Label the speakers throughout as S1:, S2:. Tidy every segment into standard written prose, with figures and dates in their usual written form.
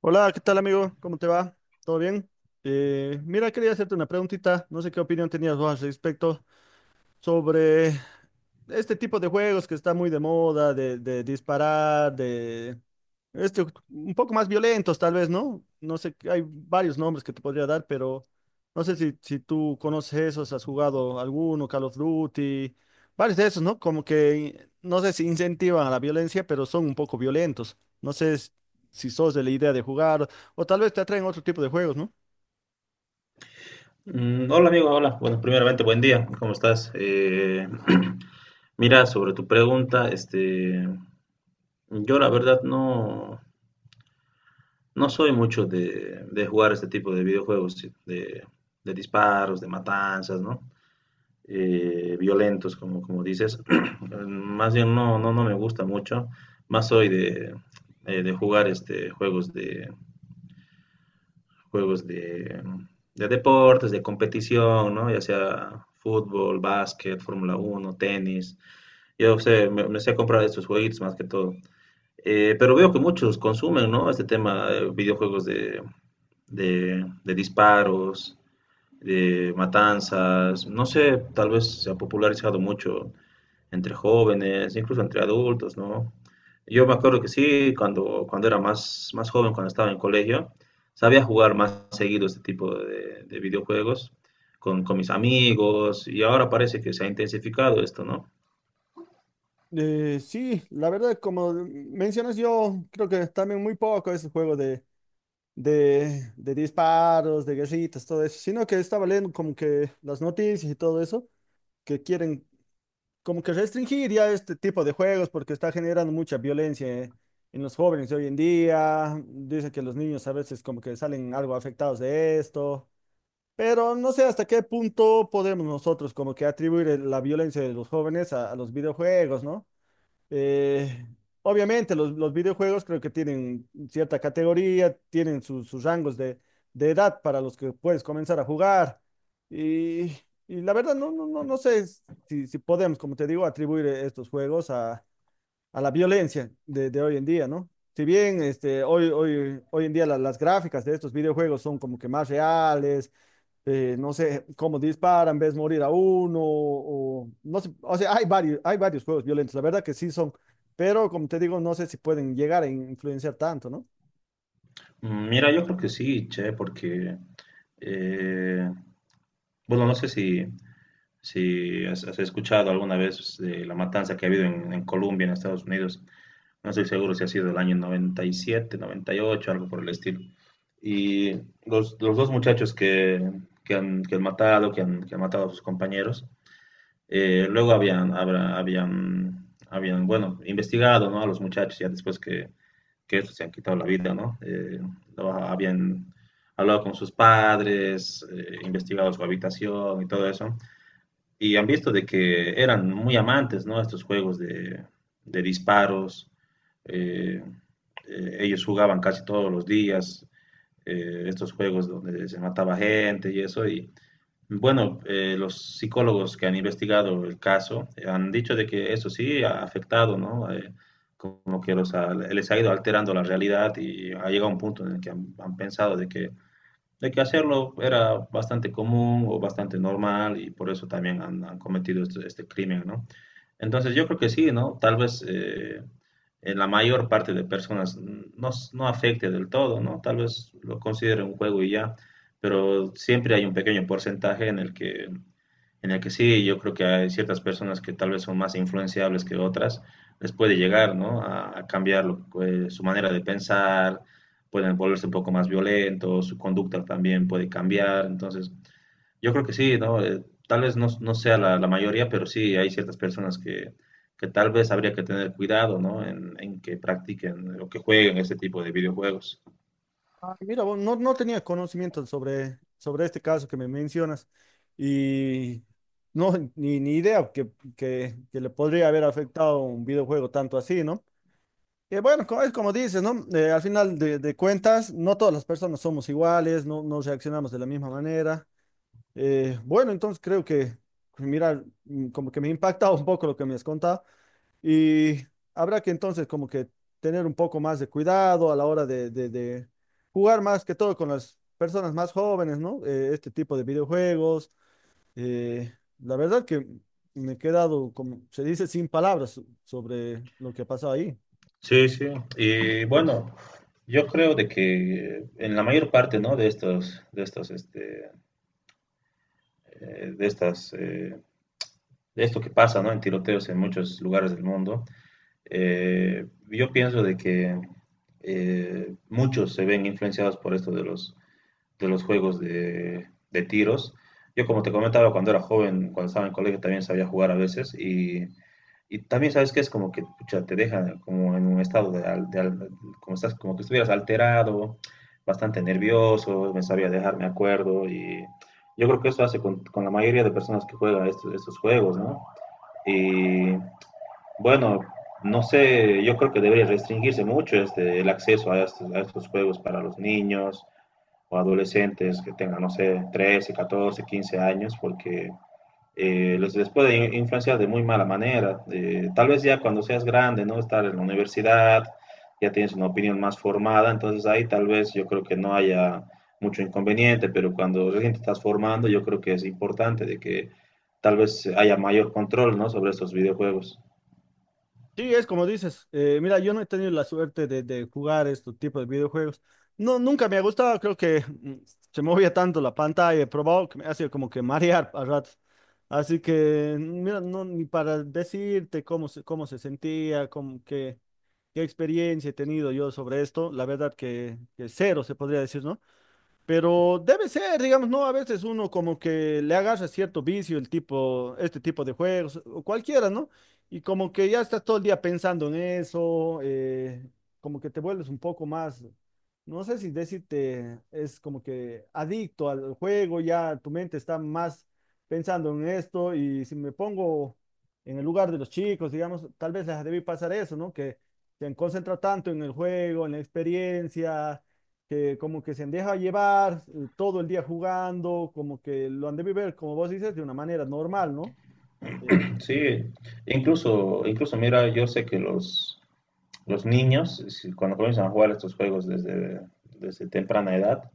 S1: Hola, ¿qué tal, amigo? ¿Cómo te va? ¿Todo bien? Mira, quería hacerte una preguntita. No sé qué opinión tenías vos al respecto sobre este tipo de juegos que está muy de moda, de disparar, de este, un poco más violentos tal vez, ¿no? No sé, hay varios nombres que te podría dar, pero no sé si tú conoces esos, has jugado alguno, Call of Duty, varios de esos, ¿no? Como que, no sé si incentivan a la violencia, pero son un poco violentos. No sé si sos de la idea de jugar o tal vez te atraen otro tipo de juegos, ¿no?
S2: Hola amigo, hola. Bueno, primeramente buen día. ¿Cómo estás? Mira, sobre tu pregunta, este, yo la verdad no, no soy mucho de, jugar este tipo de videojuegos sí, de disparos, de matanzas, ¿no? Violentos, como dices. Más bien no, no, no me gusta mucho. Más soy de jugar este juegos de deportes, de competición, ¿no? Ya sea fútbol, básquet, Fórmula 1 tenis. Yo sé, me sé comprar estos jueguitos más que todo. Pero veo que muchos consumen, ¿no? Este tema, videojuegos de disparos, de matanzas. No sé, tal vez se ha popularizado mucho entre jóvenes, incluso entre adultos, ¿no? Yo me acuerdo que sí, cuando era más joven, cuando estaba en colegio, sabía jugar más seguido este tipo de videojuegos con mis amigos y ahora parece que se ha intensificado esto, ¿no?
S1: Sí, la verdad, como mencionas, yo creo que también muy poco ese juego de, de disparos, de guerritas, todo eso, sino que estaba leyendo como que las noticias y todo eso, que quieren como que restringir ya este tipo de juegos porque está generando mucha violencia, en los jóvenes de hoy en día. Dicen que los niños a veces como que salen algo afectados de esto, pero no sé hasta qué punto podemos nosotros como que atribuir la violencia de los jóvenes a los videojuegos, ¿no? Eh, Obviamente, los videojuegos creo que tienen cierta categoría, tienen sus, sus rangos de edad para los que puedes comenzar a jugar. Y, y la verdad, no sé si podemos, como te digo, atribuir estos juegos a la violencia de hoy en día, ¿no? Si bien este, hoy en día las gráficas de estos videojuegos son como que más reales, no sé, cómo disparan, ves morir a uno, o no sé, o sea, hay varios juegos violentos, la verdad que sí son, pero como te digo, no sé si pueden llegar a influenciar tanto, ¿no?
S2: Mira, yo creo que sí, che, porque, eh, bueno, no sé si has escuchado alguna vez de la matanza que ha habido en Colombia, en Estados Unidos. No estoy seguro si ha sido el año noventa noventa y siete noventa y ocho algo por el estilo. Y los dos muchachos que han matado a sus compañeros, luego habían, bueno, investigado, ¿no?, a los muchachos ya después que estos se han quitado la vida, ¿no? Habían hablado con sus padres, investigado su habitación y todo eso y han visto de que eran muy amantes, ¿no? Estos juegos de, disparos. eh, Ellos jugaban casi todos los días, estos juegos donde se mataba gente y eso. Y bueno, los psicólogos que han investigado el caso, han dicho de que eso sí ha afectado, ¿no? Como que les ha ido alterando la realidad y ha llegado un punto en el que han pensado de que hacerlo era bastante común o bastante normal y por eso también han cometido este crimen, ¿no? Entonces yo creo que sí, ¿no? Tal vez en la mayor parte de personas no, no afecte del todo, ¿no? Tal vez lo consideren un juego y ya, pero siempre hay un pequeño porcentaje en el que sí, yo creo que hay ciertas personas que tal vez son más influenciables que otras, les puede llegar, ¿no?, a cambiar su manera de pensar, pueden volverse un poco más violentos, su conducta también puede cambiar. Entonces, yo creo que sí, ¿no? Tal vez no, no sea la mayoría, pero sí hay ciertas personas que, tal vez habría que tener cuidado, ¿no? En que practiquen o que jueguen ese tipo de videojuegos.
S1: Ah, mira, vos, no tenía conocimiento sobre, sobre este caso que me mencionas y no, ni, ni idea que, que le podría haber afectado un videojuego tanto así, ¿no? Que bueno, es como dices, ¿no? Al final de cuentas, no todas las personas somos iguales, no, no reaccionamos de la misma manera. Bueno, entonces creo que, pues mira, como que me impacta un poco lo que me has contado, y habrá que entonces como que tener un poco más de cuidado a la hora de, de jugar más que todo con las personas más jóvenes, ¿no? Este tipo de videojuegos. eh, la verdad que me he quedado, como se dice, sin palabras sobre lo que ha pasado ahí.
S2: Sí, sí. Y bueno, yo creo de que en la mayor parte, ¿no?, eh, de estas, eh, de esto que pasa, ¿no?, en tiroteos en muchos lugares del mundo. Yo pienso de que muchos se ven influenciados por esto de los, juegos de, tiros. Yo, como te comentaba, cuando era joven, cuando estaba en el colegio, también sabía jugar a veces. Y también sabes que es como que pucha, te deja como en un estado como estás, como que estuvieras alterado, bastante nervioso, me sabía dejar, me acuerdo, y yo creo que eso hace con, la mayoría de personas que juegan estos, juegos, ¿no? Y bueno, no sé, yo creo que debería restringirse mucho el acceso a estos, juegos para los niños o adolescentes que tengan, no sé, 13 14 15 años, porque les puede influenciar de muy mala manera. Tal vez ya cuando seas grande, ¿no?, estar en la universidad, ya tienes una opinión más formada, entonces ahí tal vez yo creo que no haya mucho inconveniente, pero cuando recién te estás formando, yo creo que es importante de que tal vez haya mayor control, ¿no?, sobre estos videojuegos.
S1: Sí, es como dices. Mira, yo no he tenido la suerte de jugar estos tipos de videojuegos. No, nunca me ha gustado. Creo que se movía tanto la pantalla. He probado que me hacía como que marear a ratos. Así que, mira, no, ni para decirte cómo se sentía, cómo, qué, qué experiencia he tenido yo sobre esto. La verdad que cero se podría decir, ¿no? Pero debe ser, digamos, ¿no? A veces uno como que le agarra cierto vicio el tipo, este tipo de juegos, o cualquiera, ¿no? Y como que ya estás todo el día pensando en eso, como que te vuelves un poco más, no sé si decirte, es como que adicto al juego, ya tu mente está más pensando en esto, y si me pongo en el lugar de los chicos, digamos, tal vez les debí pasar eso, ¿no? Que se han concentrado tanto en el juego, en la experiencia, que como que se deja llevar, todo el día jugando, como que lo han de vivir, como vos dices, de una manera normal, ¿no? Eh,
S2: Sí, incluso mira, yo sé que los, niños, cuando comienzan a jugar estos juegos desde, temprana edad,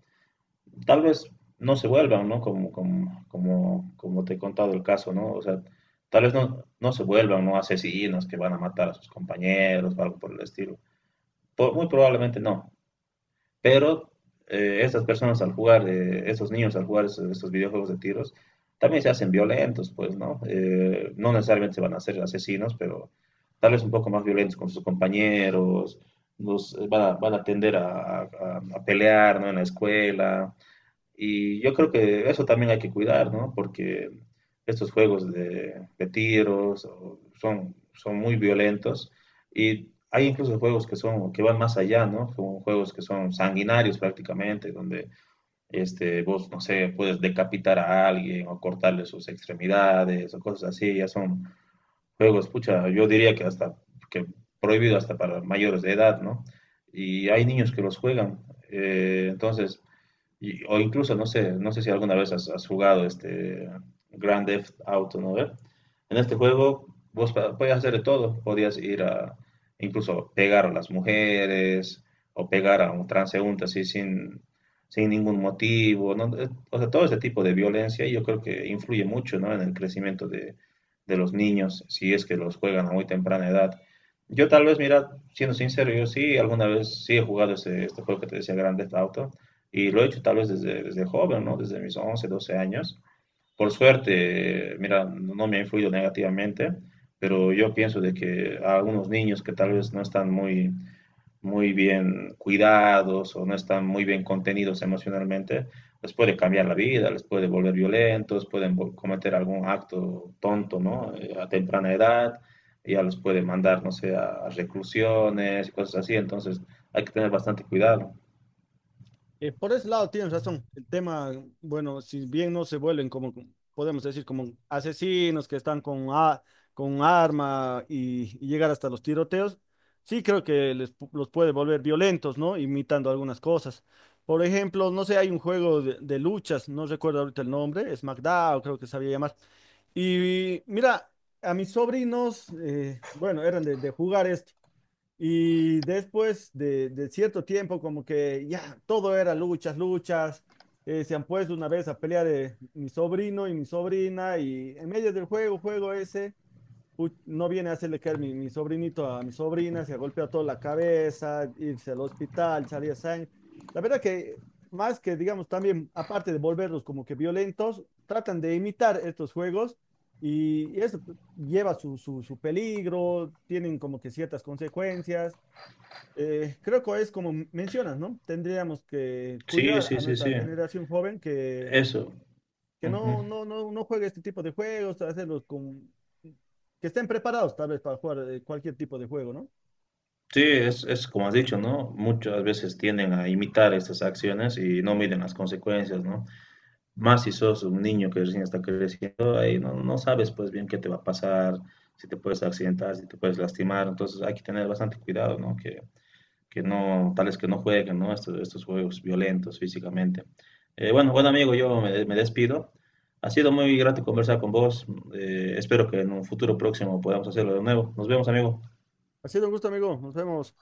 S2: tal vez no se vuelvan, ¿no?, como te he contado el caso, ¿no? O sea, tal vez no, no se vuelvan, ¿no?, asesinos que van a matar a sus compañeros o algo por el estilo. Muy probablemente no. Pero estas personas al jugar, estos niños al jugar estos videojuegos de tiros, también se hacen violentos, pues, ¿no? No necesariamente se van a ser asesinos, pero tal vez un poco más violentos con sus compañeros, van a tender a pelear, ¿no?, en la escuela, y yo creo que eso también hay que cuidar, ¿no? Porque estos juegos de, tiros son, muy violentos, y hay incluso juegos que son que van más allá, ¿no? Son juegos que son sanguinarios prácticamente, donde vos no sé, puedes decapitar a alguien o cortarle sus extremidades o cosas así, ya son juegos, pucha, yo diría que hasta que prohibido hasta para mayores de edad, ¿no? Y hay niños que los juegan. Entonces, o incluso, no sé, si alguna vez has jugado este Grand Theft Auto, ¿no?, ¿ve? En este juego vos podías hacer de todo, podías ir a incluso pegar a las mujeres o pegar a un transeúnte así sin, ningún motivo, ¿no? O sea, todo ese tipo de violencia yo creo que influye mucho, ¿no?, en el crecimiento de, los niños, si es que los juegan a muy temprana edad. Yo tal vez, mira, siendo sincero, yo sí alguna vez sí he jugado este juego que te decía Grand Theft Auto, y lo he hecho tal vez desde, joven, ¿no? Desde mis 11 12 años. Por suerte, mira, no no me ha influido negativamente, pero yo pienso de que a algunos niños que tal vez no están muy, muy bien cuidados o no están muy bien contenidos emocionalmente, les puede cambiar la vida, les puede volver violentos, pueden cometer algún acto tonto, ¿no? A temprana edad, ya los puede mandar, no sé, a reclusiones y cosas así, entonces hay que tener bastante cuidado.
S1: Por ese lado tienes razón. El tema, bueno, si bien no se vuelven como, podemos decir, como asesinos que están con, con arma y llegar hasta los tiroteos, sí creo que los puede volver violentos, ¿no? Imitando algunas cosas. Por ejemplo, no sé, hay un juego de luchas, no recuerdo ahorita el nombre, es SmackDown, creo que sabía llamar. Y mira, a mis sobrinos, bueno, eran de jugar esto. Y después de cierto tiempo, como que ya todo era luchas, luchas. Se han puesto una vez a pelear de mi sobrino y mi sobrina, y en medio del juego, juego ese, no viene a hacerle caer mi, mi sobrinito a mi sobrina, se golpea toda la cabeza, irse al hospital, salía sangre. La verdad que más que, digamos, también, aparte de volverlos como que violentos, tratan de imitar estos juegos, y eso lleva su, su su peligro, tienen como que ciertas consecuencias. Creo que es como mencionas, ¿no? Tendríamos que
S2: Sí,
S1: cuidar
S2: sí,
S1: a
S2: sí,
S1: nuestra
S2: sí.
S1: generación joven
S2: Eso.
S1: que
S2: Ujú.
S1: no, no juegue este tipo de juegos, hacerlos con... que estén preparados tal vez para jugar, cualquier tipo de juego, ¿no?
S2: Sí, es como has dicho, ¿no? Muchas veces tienden a imitar estas acciones y no miden las consecuencias, ¿no? Más si sos un niño que recién está creciendo, ahí no, no sabes pues bien qué te va a pasar, si te puedes accidentar, si te puedes lastimar, entonces hay que tener bastante cuidado, ¿no? Que No, tales que no jueguen, ¿no?, estos juegos violentos físicamente. Bueno, bueno amigo, yo me despido. Ha sido muy grato conversar con vos. Espero que en un futuro próximo podamos hacerlo de nuevo. Nos vemos, amigo.
S1: Ha sido un gusto, amigo. Nos vemos.